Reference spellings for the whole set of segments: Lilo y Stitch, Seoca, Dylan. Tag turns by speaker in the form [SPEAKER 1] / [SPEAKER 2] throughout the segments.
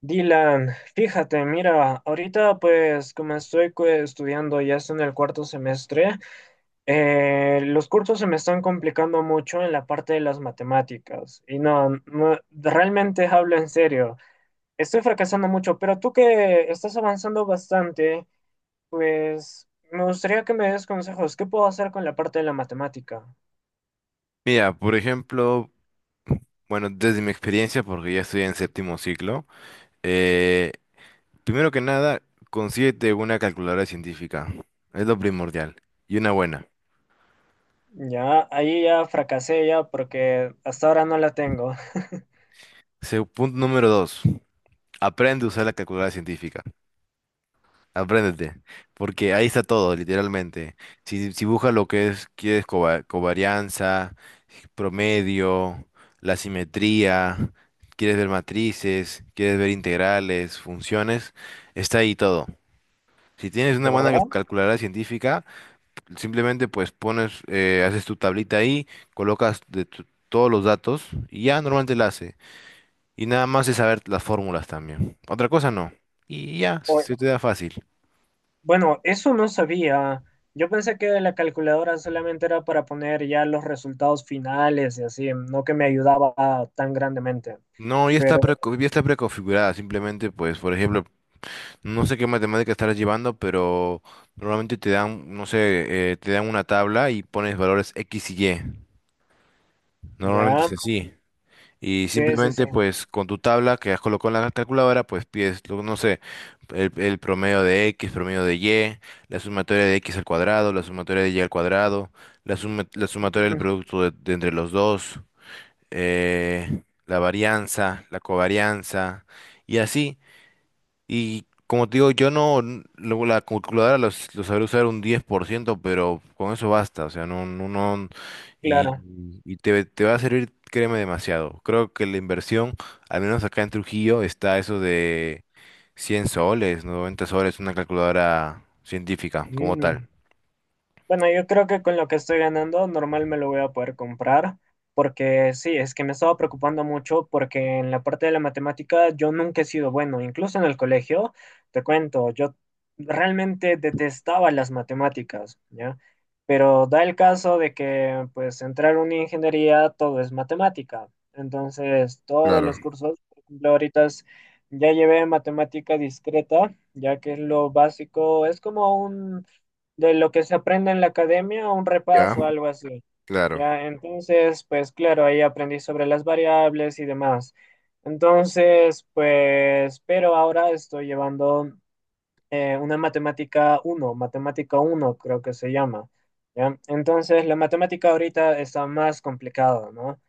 [SPEAKER 1] Dylan, fíjate, mira, ahorita pues como estoy estudiando, ya estoy en el cuarto semestre. Los cursos se me están complicando mucho en la parte de las matemáticas. Y no, no, realmente hablo en serio, estoy fracasando mucho, pero tú que estás avanzando bastante, pues me gustaría que me des consejos. ¿Qué puedo hacer con la parte de la matemática?
[SPEAKER 2] Mira, por ejemplo, bueno, desde mi experiencia, porque ya estoy en séptimo ciclo, eh, primero que nada, consíguete una calculadora científica. Es lo primordial. Y una buena.
[SPEAKER 1] Ya, ahí ya fracasé ya porque hasta ahora no la tengo.
[SPEAKER 2] Punto número 2, aprende a usar la calculadora científica. Apréndete. Porque ahí está todo, literalmente. Si buscas lo que es, quieres covarianza, promedio, la simetría, quieres ver matrices, quieres ver integrales, funciones, está ahí todo. Si tienes una
[SPEAKER 1] ¿De
[SPEAKER 2] buena
[SPEAKER 1] verdad?
[SPEAKER 2] calculadora científica, simplemente pues pones, haces tu tablita ahí, colocas todos los datos y ya normalmente la hace. Y nada más es saber las fórmulas también. Otra cosa no. Y ya, se te da fácil.
[SPEAKER 1] Bueno, eso no sabía. Yo pensé que la calculadora solamente era para poner ya los resultados finales y así, no que me ayudaba tan grandemente.
[SPEAKER 2] No, ya está,
[SPEAKER 1] Pero
[SPEAKER 2] pre ya está preconfigurada. Simplemente pues, por ejemplo, no sé qué matemática estarás llevando, pero normalmente te dan, no sé, te dan una tabla y pones valores X y Y. Normalmente
[SPEAKER 1] ya,
[SPEAKER 2] es así. Y
[SPEAKER 1] sí, sí, sí.
[SPEAKER 2] simplemente, pues, con tu tabla que has colocado en la calculadora, pues pides, no sé, el promedio de X, promedio de Y, la sumatoria de X al cuadrado, la sumatoria de Y al cuadrado, la sumatoria del
[SPEAKER 1] Mm,
[SPEAKER 2] producto de entre los dos, la varianza, la covarianza, y así. Y como te digo, yo no, n- la calculadora lo sabré usar un 10% pero con eso basta, o sea, no, no, no,
[SPEAKER 1] claro.
[SPEAKER 2] y te va a servir, créeme, demasiado. Creo que la inversión, al menos acá en Trujillo, está eso de 100 soles, 90 soles, una calculadora científica como tal.
[SPEAKER 1] Mm. Bueno, yo creo que con lo que estoy ganando, normal me lo voy a poder comprar, porque sí, es que me estaba preocupando mucho porque en la parte de la matemática yo nunca he sido bueno, incluso en el colegio. Te cuento, yo realmente detestaba las matemáticas, ¿ya? Pero da el caso de que, pues, entrar a una ingeniería todo es matemática. Entonces todos
[SPEAKER 2] Claro,
[SPEAKER 1] los cursos, por ejemplo, ahorita ya llevé matemática discreta, ya que es lo básico, es como un de lo que se aprende en la academia, un
[SPEAKER 2] ya,
[SPEAKER 1] repaso, algo así.
[SPEAKER 2] claro.
[SPEAKER 1] Ya, entonces, pues claro, ahí aprendí sobre las variables y demás. Entonces, pues, pero ahora estoy llevando una matemática uno creo que se llama. ¿Ya? Entonces, la matemática ahorita está más complicada, ¿no?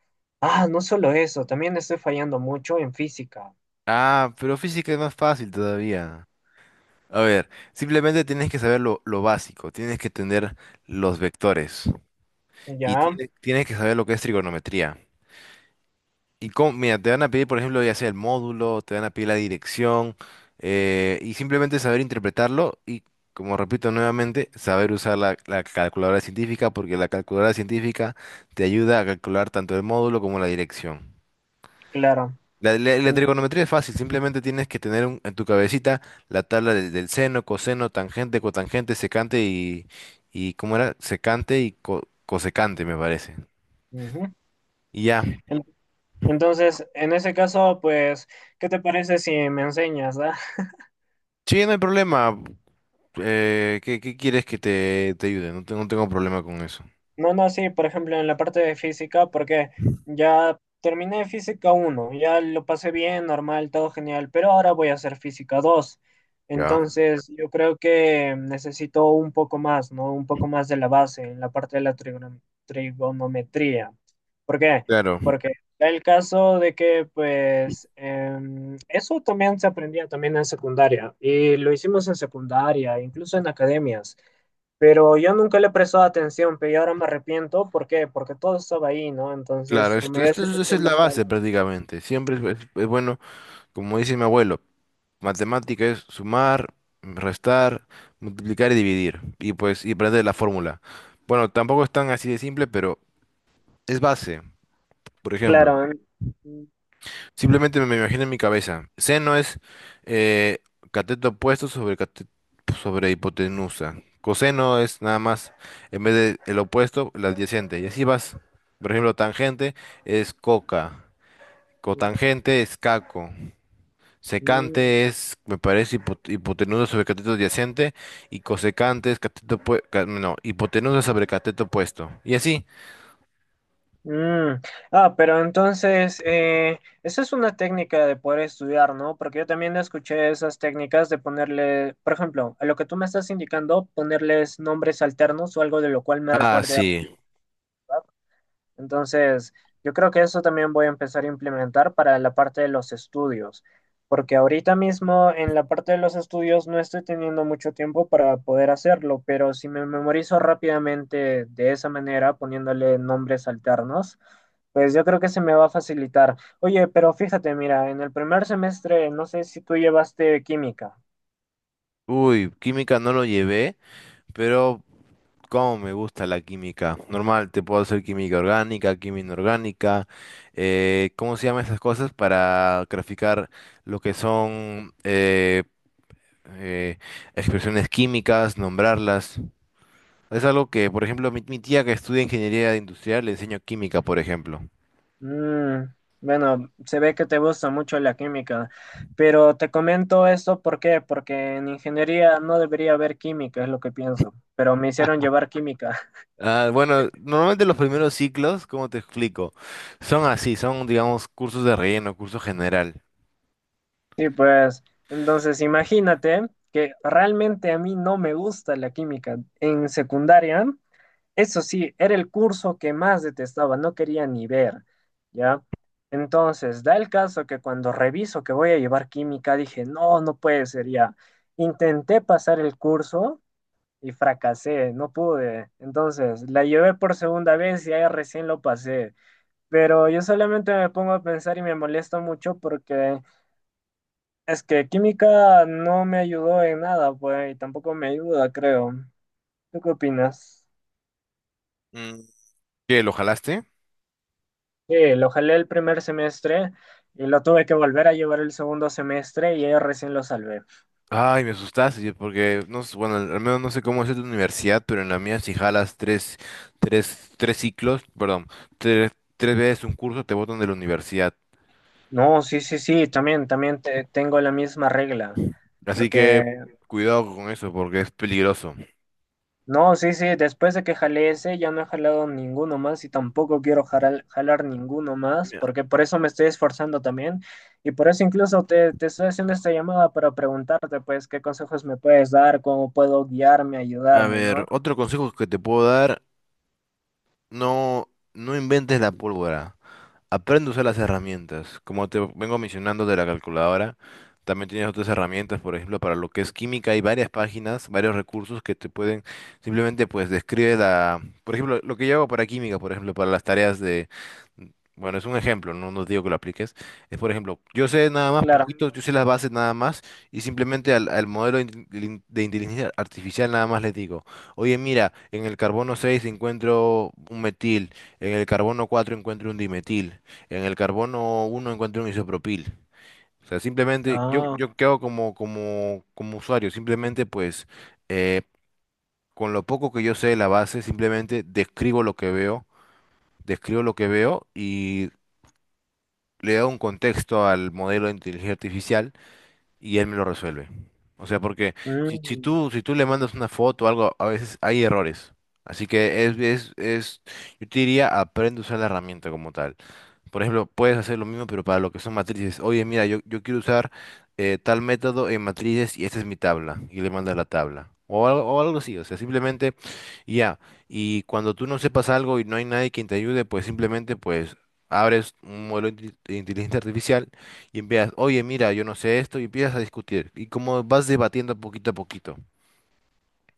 [SPEAKER 1] Ah, no solo eso, también estoy fallando mucho en física.
[SPEAKER 2] Ah, pero física es más fácil todavía. A ver, simplemente tienes que saber lo básico, tienes que tener los vectores. Y
[SPEAKER 1] ¿Ya?
[SPEAKER 2] tienes que saber lo que es trigonometría. Y mira, te van a pedir, por ejemplo, ya sea el módulo, te van a pedir la dirección, y simplemente saber interpretarlo y, como repito nuevamente, saber usar la calculadora científica, porque la calculadora científica te ayuda a calcular tanto el módulo como la dirección.
[SPEAKER 1] Claro.
[SPEAKER 2] La
[SPEAKER 1] En-
[SPEAKER 2] trigonometría es fácil, simplemente tienes que tener en tu cabecita la tabla del seno, coseno, tangente, cotangente, secante y ¿cómo era? Secante y cosecante, me parece.
[SPEAKER 1] Ujú.
[SPEAKER 2] Y ya.
[SPEAKER 1] Entonces, en ese caso, pues, ¿qué te parece si me enseñas, ah?
[SPEAKER 2] Sí, no hay problema. ¿Qué, qué quieres que te ayude? No, no tengo problema con eso.
[SPEAKER 1] No, no, sí, por ejemplo, en la parte de física, porque ya terminé física uno, ya lo pasé bien, normal, todo genial, pero ahora voy a hacer física dos.
[SPEAKER 2] Ya.
[SPEAKER 1] Entonces, yo creo que necesito un poco más, ¿no? Un poco más de la base en la parte de la trigonometría. ¿Por qué?
[SPEAKER 2] Claro,
[SPEAKER 1] Porque da el caso de que, pues, eso también se aprendía también en secundaria y lo hicimos en secundaria, incluso en academias. Pero yo nunca le he prestado atención, pero yo ahora me arrepiento. ¿Por qué? Porque todo estaba ahí, ¿no? Entonces
[SPEAKER 2] claro,
[SPEAKER 1] se me hubiese
[SPEAKER 2] esa
[SPEAKER 1] hecho
[SPEAKER 2] es la
[SPEAKER 1] más tarde.
[SPEAKER 2] base prácticamente. Siempre es bueno, como dice mi abuelo, matemática es sumar, restar, multiplicar y dividir. Y pues, y aprender la fórmula. Bueno, tampoco es tan así de simple, pero es base. Por ejemplo.
[SPEAKER 1] Claro. ¿Eh? Mm,
[SPEAKER 2] Simplemente me imagino en mi cabeza. Seno es eh, cateto opuesto sobre hipotenusa. Coseno es nada más, en vez de el opuesto, el adyacente. Y así vas. Por ejemplo, tangente es coca.
[SPEAKER 1] mm,
[SPEAKER 2] Cotangente es caco.
[SPEAKER 1] mm.
[SPEAKER 2] Secante es, me parece, hipotenusa sobre cateto adyacente. Y cosecante es cateto no, hipotenusa sobre cateto opuesto. Y así.
[SPEAKER 1] Mm. Ah, pero entonces, esa es una técnica de poder estudiar, ¿no? Porque yo también escuché esas técnicas de ponerle, por ejemplo, a lo que tú me estás indicando, ponerles nombres alternos o algo de lo cual me
[SPEAKER 2] Ah,
[SPEAKER 1] recuerde. A
[SPEAKER 2] sí.
[SPEAKER 1] entonces, yo creo que eso también voy a empezar a implementar para la parte de los estudios, porque ahorita mismo en la parte de los estudios no estoy teniendo mucho tiempo para poder hacerlo, pero si me memorizo rápidamente de esa manera, poniéndole nombres alternos, pues yo creo que se me va a facilitar. Oye, pero fíjate, mira, en el primer semestre, no sé si tú llevaste química.
[SPEAKER 2] Uy, química no lo llevé, pero cómo me gusta la química. Normal, te puedo hacer química orgánica, química inorgánica, ¿cómo se llaman esas cosas? Para graficar lo que son eh, expresiones químicas, nombrarlas. Es algo que, por ejemplo, mi tía que estudia ingeniería industrial le enseño química, por ejemplo.
[SPEAKER 1] Mm, bueno, se ve que te gusta mucho la química, pero te comento esto, ¿por qué? Porque en ingeniería no debería haber química, es lo que pienso, pero me hicieron llevar química.
[SPEAKER 2] Ah, bueno, normalmente los primeros ciclos, ¿cómo te explico? Son así, son, digamos, cursos de relleno, curso general.
[SPEAKER 1] Sí, pues, entonces imagínate que realmente a mí no me gusta la química. En secundaria eso sí, era el curso que más detestaba, no quería ni ver, ¿ya? Entonces, da el caso que cuando reviso que voy a llevar química, dije, no, no puede ser ya. Intenté pasar el curso y fracasé, no pude. Entonces, la llevé por segunda vez y ahí recién lo pasé. Pero yo solamente me pongo a pensar y me molesta mucho porque es que química no me ayudó en nada, pues, y tampoco me ayuda, creo. ¿Tú qué opinas?
[SPEAKER 2] Mm. ¿Qué, lo jalaste?
[SPEAKER 1] Sí, lo jalé el primer semestre y lo tuve que volver a llevar el segundo semestre y ahí recién lo salvé.
[SPEAKER 2] Ay, me asustaste, porque no, bueno, al menos no sé cómo es en tu universidad, pero en la mía si jalas tres, tres ciclos, perdón, tres, tres veces un curso te botan de la universidad.
[SPEAKER 1] No, sí, sí, sí, también, tengo la misma regla.
[SPEAKER 2] Así que
[SPEAKER 1] Porque,
[SPEAKER 2] cuidado con eso, porque es peligroso.
[SPEAKER 1] no, sí, sí, después de que jalé ese ya no he jalado ninguno más y tampoco quiero jalar, jalar ninguno más,
[SPEAKER 2] Mira,
[SPEAKER 1] porque por eso me estoy esforzando también y por eso incluso te estoy haciendo esta llamada para preguntarte, pues, qué consejos me puedes dar, cómo puedo guiarme,
[SPEAKER 2] a
[SPEAKER 1] ayudarme,
[SPEAKER 2] ver,
[SPEAKER 1] ¿no?
[SPEAKER 2] otro consejo que te puedo dar, no, no inventes la pólvora. Aprende a usar las herramientas. Como te vengo mencionando de la calculadora, también tienes otras herramientas, por ejemplo, para lo que es química, hay varias páginas, varios recursos que te pueden simplemente pues describe la, por ejemplo, lo que yo hago para química, por ejemplo, para las tareas de, bueno, es un ejemplo, no, nos digo que lo apliques, es por ejemplo, yo sé nada más
[SPEAKER 1] Claro.
[SPEAKER 2] poquito, yo sé las bases nada más y simplemente al modelo de inteligencia artificial nada más le digo, oye, mira, en el carbono 6 encuentro un metil, en el carbono 4 encuentro un dimetil. En el carbono 1 encontré un isopropil. O sea, simplemente yo,
[SPEAKER 1] Ah,
[SPEAKER 2] yo quedo como, usuario, simplemente pues eh, con lo poco que yo sé de la base, simplemente describo lo que veo, describo lo que veo y le doy un contexto al modelo de inteligencia artificial y él me lo resuelve. O sea, porque si, si
[SPEAKER 1] mm.
[SPEAKER 2] tú, si tú le mandas una foto o algo, a veces hay errores. Así que yo te diría, aprende a usar la herramienta como tal. Por ejemplo, puedes hacer lo mismo, pero para lo que son matrices. Oye, mira, yo quiero usar tal método en matrices y esta es mi tabla. Y le mandas la tabla. O algo así. O sea, simplemente, y ya. Y cuando tú no sepas algo y no hay nadie quien te ayude, pues simplemente, pues, abres un modelo de de inteligencia artificial y empiezas, oye, mira, yo no sé esto, y empiezas a discutir. Y como vas debatiendo poquito a poquito.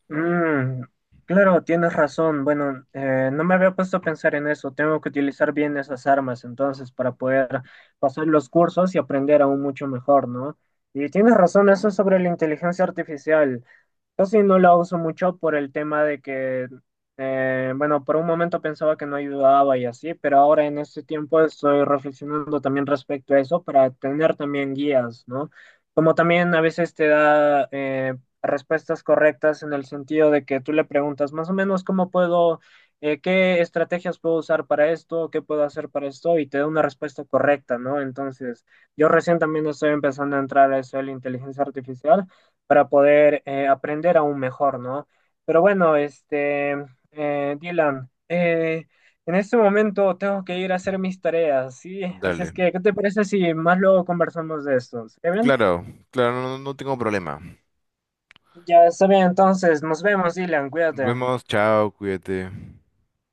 [SPEAKER 1] Mm, claro, tienes razón. Bueno, no me había puesto a pensar en eso. Tengo que utilizar bien esas armas entonces para poder pasar los cursos y aprender aún mucho mejor, ¿no? Y tienes razón, eso sobre la inteligencia artificial. Casi no la uso mucho por el tema de que, bueno, por un momento pensaba que no ayudaba y así, pero ahora en este tiempo estoy reflexionando también respecto a eso para tener también guías, ¿no? Como también a veces te da respuestas correctas en el sentido de que tú le preguntas más o menos cómo puedo, qué estrategias puedo usar para esto, qué puedo hacer para esto, y te da una respuesta correcta, ¿no? Entonces, yo recién también estoy empezando a entrar a eso de la inteligencia artificial para poder aprender aún mejor, ¿no? Pero bueno, este, Dylan, en este momento tengo que ir a hacer mis tareas, ¿sí? Así es
[SPEAKER 2] Dale.
[SPEAKER 1] que, ¿qué te parece si más luego conversamos de esto? ¿Está bien?
[SPEAKER 2] Claro, claro, no, no tengo problema.
[SPEAKER 1] Ya está bien, entonces, nos vemos, Dylan,
[SPEAKER 2] Nos
[SPEAKER 1] cuídate.
[SPEAKER 2] vemos, chao, cuídate.